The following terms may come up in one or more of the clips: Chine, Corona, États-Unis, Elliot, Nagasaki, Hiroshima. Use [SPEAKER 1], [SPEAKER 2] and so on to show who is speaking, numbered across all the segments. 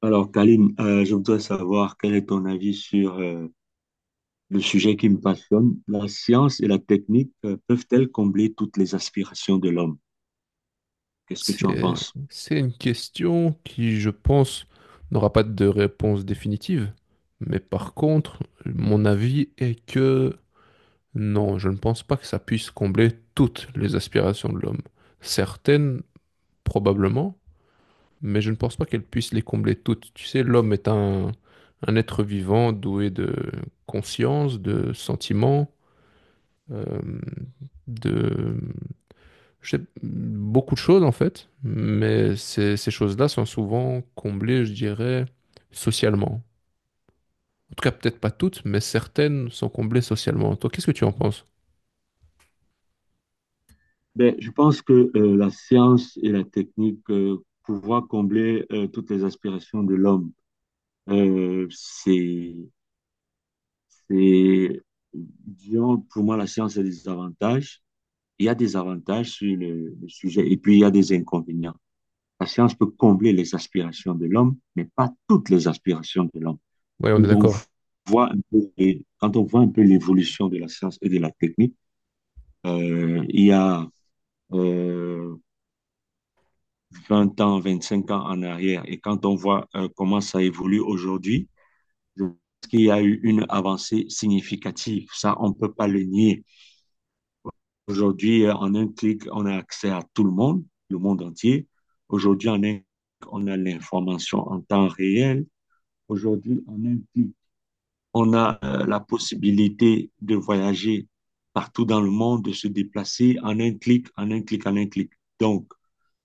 [SPEAKER 1] Alors, Kaline, je voudrais savoir quel est ton avis sur le sujet qui me passionne. La science et la technique peuvent-elles combler toutes les aspirations de l'homme? Qu'est-ce que tu en
[SPEAKER 2] C'est,
[SPEAKER 1] penses?
[SPEAKER 2] c'est une question qui, je pense, n'aura pas de réponse définitive. Mais par contre, mon avis est que non, je ne pense pas que ça puisse combler toutes les aspirations de l'homme. Certaines, probablement, mais je ne pense pas qu'elles puissent les combler toutes. Tu sais, l'homme est un être vivant doué de conscience, de sentiments, euh, de je sais beaucoup de choses en fait, mais ces choses-là sont souvent comblées, je dirais, socialement. En tout cas, peut-être pas toutes, mais certaines sont comblées socialement. Toi, qu'est-ce que tu en penses?
[SPEAKER 1] Ben, je pense que la science et la technique pouvoir combler toutes les aspirations de l'homme, euh, c'est, c'est, disons, pour moi, la science a des avantages. Il y a des avantages sur le sujet et puis il y a des inconvénients. La science peut combler les aspirations de l'homme, mais pas toutes les aspirations de l'homme.
[SPEAKER 2] Oui, on est
[SPEAKER 1] Quand on
[SPEAKER 2] d'accord.
[SPEAKER 1] voit un peu, quand on voit un peu l'évolution de la science et de la technique, il y a euh, 20 ans, 5 ans en arrière, et quand on voit comment ça évolue aujourd'hui, je pense qu'il y a eu une avancée significative. Ça, on ne peut pas le nier. Aujourd'hui, en un clic, on a accès à tout le monde entier. Aujourd'hui, en un clic, on a l'information en temps réel. Aujourd'hui, en un clic, on a la possibilité de voyager partout dans le monde, de se déplacer en un clic, en un clic, en un clic. Donc,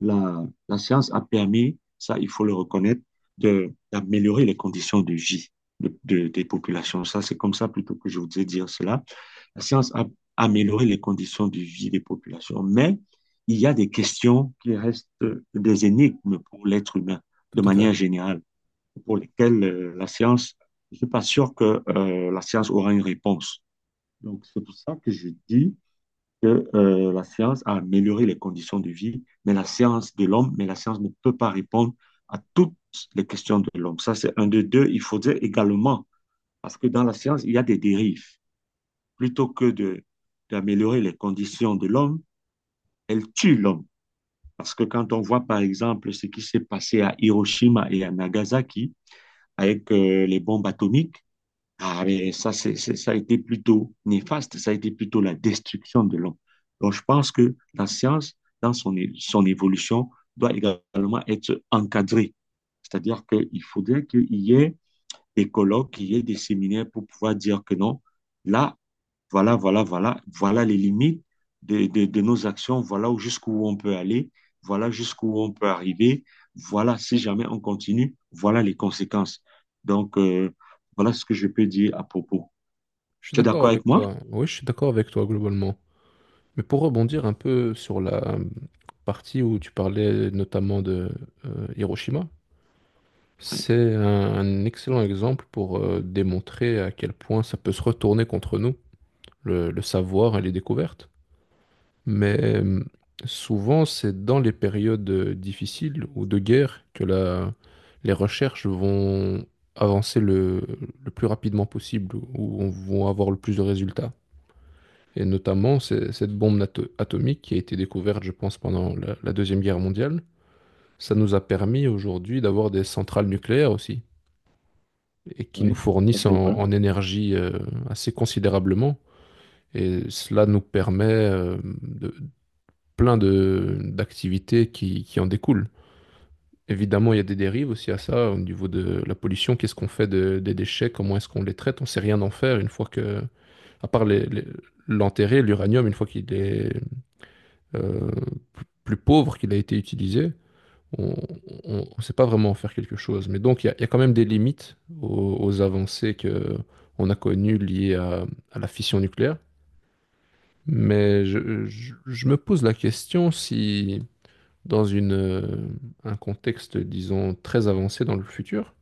[SPEAKER 1] la science a permis, ça il faut le reconnaître, d'améliorer les conditions de vie des populations. Ça, c'est comme ça plutôt que je voudrais dire cela. La science a amélioré les conditions de vie des populations, mais il y a des questions qui restent des énigmes pour l'être humain
[SPEAKER 2] Tout
[SPEAKER 1] de
[SPEAKER 2] à fait.
[SPEAKER 1] manière générale pour lesquels la science, je ne suis pas sûr que la science aura une réponse. Donc, c'est pour ça que je dis que la science a amélioré les conditions de vie, mais la science ne peut pas répondre à toutes les questions de l'homme. Ça, c'est un de deux. Il faudrait également, parce que dans la science, il y a des dérives. Plutôt que d'améliorer les conditions de l'homme, elle tue l'homme. Parce que quand on voit, par exemple, ce qui s'est passé à Hiroshima et à Nagasaki avec les bombes atomiques. Ah, mais ça, ça a été plutôt néfaste, ça a été plutôt la destruction de l'homme. Donc, je pense que la science, dans son évolution, doit également être encadrée. C'est-à-dire qu'il faudrait qu'il y ait des colloques, qu'il y ait des séminaires pour pouvoir dire que non, là, voilà, voilà, voilà, voilà les limites de nos actions, voilà jusqu'où on peut aller, voilà jusqu'où on peut arriver, voilà si jamais on continue, voilà les conséquences. Donc, voilà ce que je peux dire à propos.
[SPEAKER 2] Je suis
[SPEAKER 1] Tu es
[SPEAKER 2] d'accord
[SPEAKER 1] d'accord avec
[SPEAKER 2] avec
[SPEAKER 1] moi?
[SPEAKER 2] toi. Oui, je suis d'accord avec toi globalement. Mais pour rebondir un peu sur la partie où tu parlais notamment de Hiroshima,
[SPEAKER 1] Oui,
[SPEAKER 2] c'est un excellent exemple pour démontrer à quel point ça peut se retourner contre nous, le savoir et les découvertes. Mais souvent, c'est dans les périodes difficiles ou de guerre que les recherches vont avancer le plus rapidement possible, ou vont avoir le plus de résultats. Et notamment, cette bombe atomique qui a été découverte, je pense, pendant la Deuxième Guerre mondiale, ça nous a permis aujourd'hui d'avoir des centrales nucléaires aussi, et qui nous
[SPEAKER 1] oui, ça
[SPEAKER 2] fournissent
[SPEAKER 1] c'est vrai.
[SPEAKER 2] en énergie assez considérablement. Et cela nous permet de plein de d'activités qui en découlent. Évidemment, il y a des dérives aussi à ça au niveau de la pollution. Qu'est-ce qu'on fait des déchets? Comment est-ce qu'on les traite? On sait rien en faire une fois que, à part l'enterrer, l'uranium, une fois qu'il est euh, plus pauvre qu'il a été utilisé, on ne sait pas vraiment en faire quelque chose. Mais donc, il y a quand même des limites aux avancées que on a connues liées à la fission nucléaire. Mais je me pose la question si dans une, un contexte, disons, très avancé dans le futur,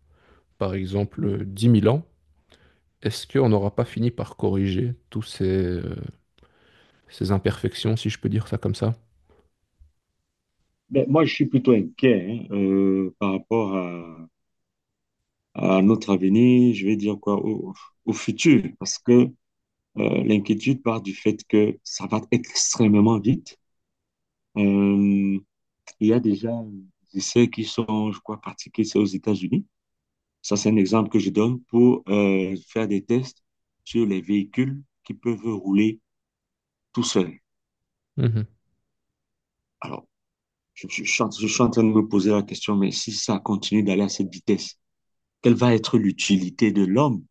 [SPEAKER 2] par exemple
[SPEAKER 1] Mhm.
[SPEAKER 2] 10 000 ans, est-ce qu'on n'aura pas fini par corriger tous ces, ces imperfections, si je peux dire ça comme ça?
[SPEAKER 1] Ben, moi, je suis plutôt inquiet hein, par rapport à notre avenir, je vais dire quoi, au futur, parce que l'inquiétude part du fait que ça va extrêmement vite. Euh, Il y a déjà des essais qui sont, je crois, pratiqués, c'est aux États-Unis. Ça, c'est un exemple que je donne pour faire des tests sur les véhicules qui peuvent rouler tout seuls.
[SPEAKER 2] Mhm.
[SPEAKER 1] Alors, je suis en train de me poser la question, mais si ça continue d'aller à cette vitesse, quelle va être l'utilité de l'homme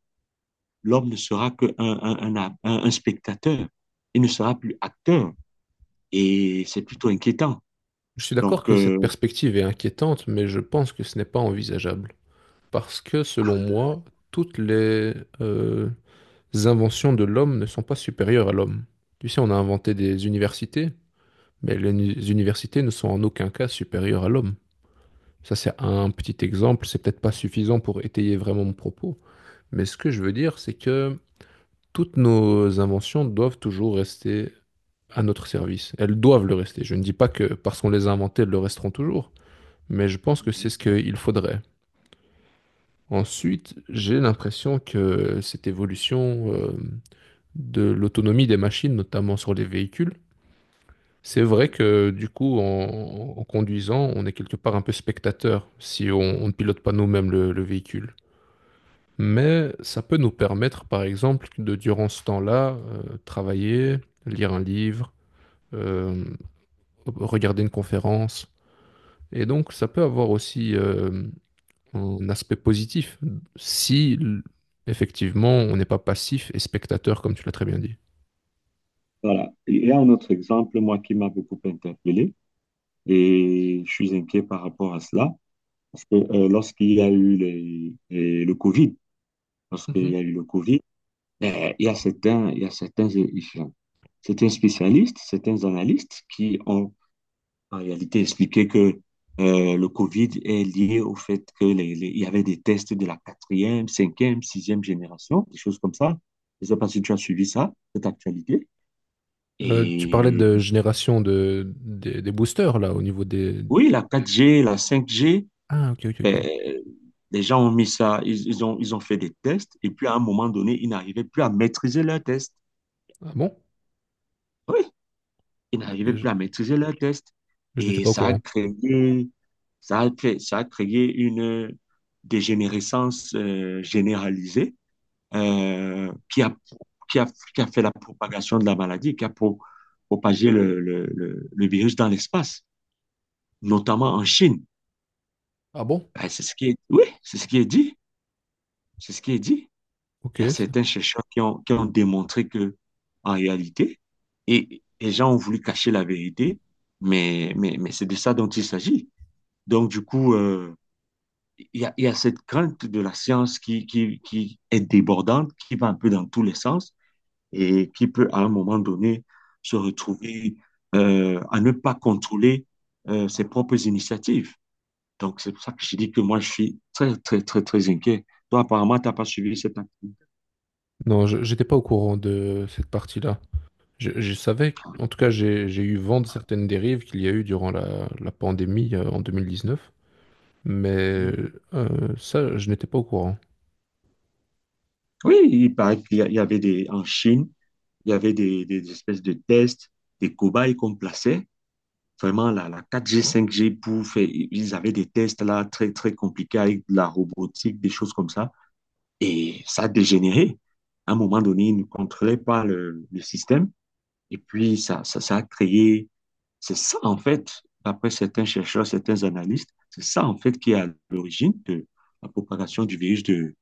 [SPEAKER 1] L'homme ne sera qu'un un spectateur, il ne sera plus acteur, et c'est plutôt inquiétant.
[SPEAKER 2] Je suis d'accord
[SPEAKER 1] Donc,
[SPEAKER 2] que cette perspective est inquiétante, mais je pense que ce n'est pas envisageable. Parce que, selon moi, toutes les euh, inventions de l'homme ne sont pas supérieures à l'homme. Tu sais, on a inventé des universités, mais les universités ne sont en aucun cas supérieures à l'homme. Ça, c'est un petit exemple, c'est peut-être pas suffisant pour étayer vraiment mon propos, mais ce que je veux dire, c'est que toutes nos inventions doivent toujours rester à notre service. Elles doivent le rester. Je ne dis pas que parce qu'on les a inventées, elles le resteront toujours, mais je pense que c'est ce qu'il faudrait. Ensuite, j'ai l'impression que cette évolution de l'autonomie des machines, notamment sur les véhicules, c'est vrai que du coup, en conduisant, on est quelque part un peu spectateur si on ne pilote pas nous-mêmes le véhicule. Mais ça peut nous permettre, par exemple, de durant ce temps-là, travailler, lire un livre, euh, regarder une conférence. Et donc, ça peut avoir aussi un aspect positif si, effectivement, on n'est pas passif et spectateur, comme tu l'as très bien dit.
[SPEAKER 1] voilà. Il y a un autre exemple, moi, qui m'a beaucoup interpellé. Et je suis inquiet par rapport à cela, parce que lorsqu'il y a eu lorsqu'il
[SPEAKER 2] Mhm.
[SPEAKER 1] y a eu le Covid, il y a certains, il y a certains, certains spécialistes, certains analystes qui ont en réalité expliqué que le Covid est lié au fait que il y avait des tests de la quatrième, cinquième, sixième génération, des choses comme ça. Je ne sais pas si tu as suivi ça, cette actualité.
[SPEAKER 2] Tu parlais
[SPEAKER 1] Et
[SPEAKER 2] de génération de, des boosters, là, au niveau des...
[SPEAKER 1] oui, la 4G, la 5G,
[SPEAKER 2] Ah, ok, ok, ok.
[SPEAKER 1] euh, les gens ont mis ça, ils ont fait des tests, et puis à un moment donné, ils n'arrivaient plus à maîtriser leurs tests.
[SPEAKER 2] Ah bon?
[SPEAKER 1] Oui, ils
[SPEAKER 2] Ok,
[SPEAKER 1] n'arrivaient plus à maîtriser leurs tests.
[SPEAKER 2] je n'étais
[SPEAKER 1] Et
[SPEAKER 2] pas au courant.
[SPEAKER 1] ça a créé une dégénérescence généralisée euh, qui a, qui a, qui a fait la propagation de la maladie, qui a propagé le virus dans l'espace, notamment en Chine.
[SPEAKER 2] Ah bon?
[SPEAKER 1] Ben, c'est ce qui est, oui, c'est ce qui est dit. C'est ce qui est dit.
[SPEAKER 2] Ok.
[SPEAKER 1] Il y a
[SPEAKER 2] ça-
[SPEAKER 1] certains chercheurs qui ont démontré que, en réalité, et les gens ont voulu cacher la vérité, mais c'est de ça dont il s'agit. Donc, du coup, il y a cette crainte de la science qui est débordante, qui va un peu dans tous les sens et qui peut, à un moment donné, se retrouver à ne pas contrôler ses propres initiatives. Donc, c'est pour ça que je dis que moi, je suis très, très, très, très inquiet. Toi, apparemment, tu n'as pas suivi cette activité.
[SPEAKER 2] Non, j'étais pas au courant de cette partie-là. Je savais, en tout cas, j'ai eu vent de certaines dérives qu'il y a eu durant la pandémie en 2019, mais ça, je n'étais pas au courant.
[SPEAKER 1] Oui, il paraît qu'il y avait des, en Chine, il y avait des espèces de tests, des cobayes qu'on plaçait. Vraiment, la 4G 5G pour faire, ils avaient des tests là très, très compliqués avec de la robotique, des choses comme ça. Et ça a dégénéré. À un moment donné, ils ne contrôlaient pas le système. Et puis, ça a créé. C'est ça, en fait, d'après certains chercheurs, certains analystes, c'est ça, en fait, qui est à l'origine de la propagation du virus de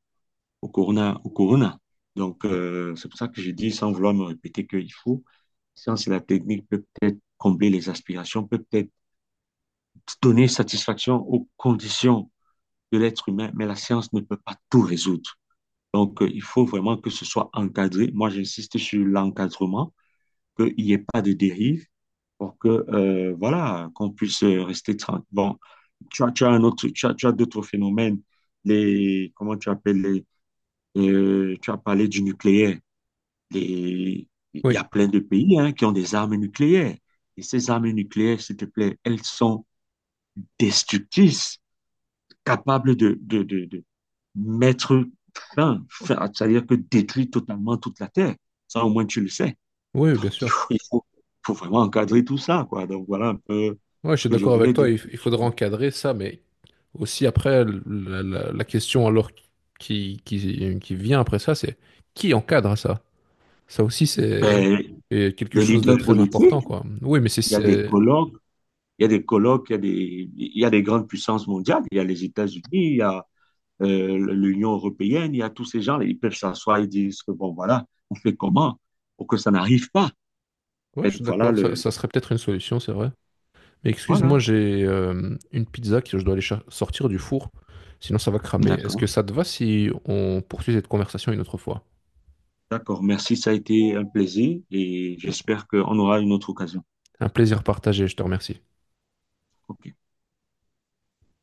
[SPEAKER 1] au Corona. Donc, c'est pour ça que je dis, sans vouloir me répéter, qu'il faut, science et la technique peut peut-être combler les aspirations, peut peut-être donner satisfaction aux conditions de l'être humain, mais la science ne peut pas tout résoudre. Donc, il faut vraiment que ce soit encadré. Moi, j'insiste sur l'encadrement, qu'il n'y ait pas de dérive pour que, voilà, qu'on puisse rester tranquille. Bon, tu as un autre, tu as d'autres phénomènes, les, comment tu appelles les, tu as parlé du nucléaire. les- il y
[SPEAKER 2] Oui,
[SPEAKER 1] a plein de pays hein, qui ont des armes nucléaires. Et ces armes nucléaires, s'il te plaît, elles sont destructrices, capables de mettre fin, c'est-à-dire que détruire totalement toute la Terre. Ça, au moins, tu le sais.
[SPEAKER 2] oui, bien
[SPEAKER 1] Donc,
[SPEAKER 2] sûr.
[SPEAKER 1] faut vraiment encadrer tout ça, quoi. Donc, voilà un peu
[SPEAKER 2] Ouais, je
[SPEAKER 1] ce
[SPEAKER 2] suis
[SPEAKER 1] que je
[SPEAKER 2] d'accord avec
[SPEAKER 1] voulais dire.
[SPEAKER 2] toi, il, il faudra encadrer ça, mais aussi après, la question alors qui vient après ça, c'est qui encadre ça? Ça aussi,
[SPEAKER 1] Ben,
[SPEAKER 2] c'est quelque
[SPEAKER 1] les
[SPEAKER 2] chose de
[SPEAKER 1] leaders
[SPEAKER 2] très important,
[SPEAKER 1] politiques,
[SPEAKER 2] quoi. Oui, mais
[SPEAKER 1] il y a des
[SPEAKER 2] c'est-
[SPEAKER 1] colloques, il y a des grandes puissances mondiales, il y a les États-Unis, il y a, l'Union européenne, il y a tous ces gens, ils peuvent s'asseoir et dire, bon, voilà, on fait comment pour que ça n'arrive pas. En
[SPEAKER 2] Ouais, je
[SPEAKER 1] fait,
[SPEAKER 2] suis d'accord, ça serait peut-être une solution, c'est vrai. Mais excuse-moi,
[SPEAKER 1] voilà.
[SPEAKER 2] j'ai une pizza que je dois aller sortir du four, sinon ça va cramer. Est-ce que
[SPEAKER 1] D'accord,
[SPEAKER 2] ça te va si on poursuit cette conversation une autre fois?
[SPEAKER 1] d'accord. Merci, ça a été un plaisir et j'espère qu'on aura une autre occasion.
[SPEAKER 2] Un plaisir partagé, je te remercie.
[SPEAKER 1] Ok.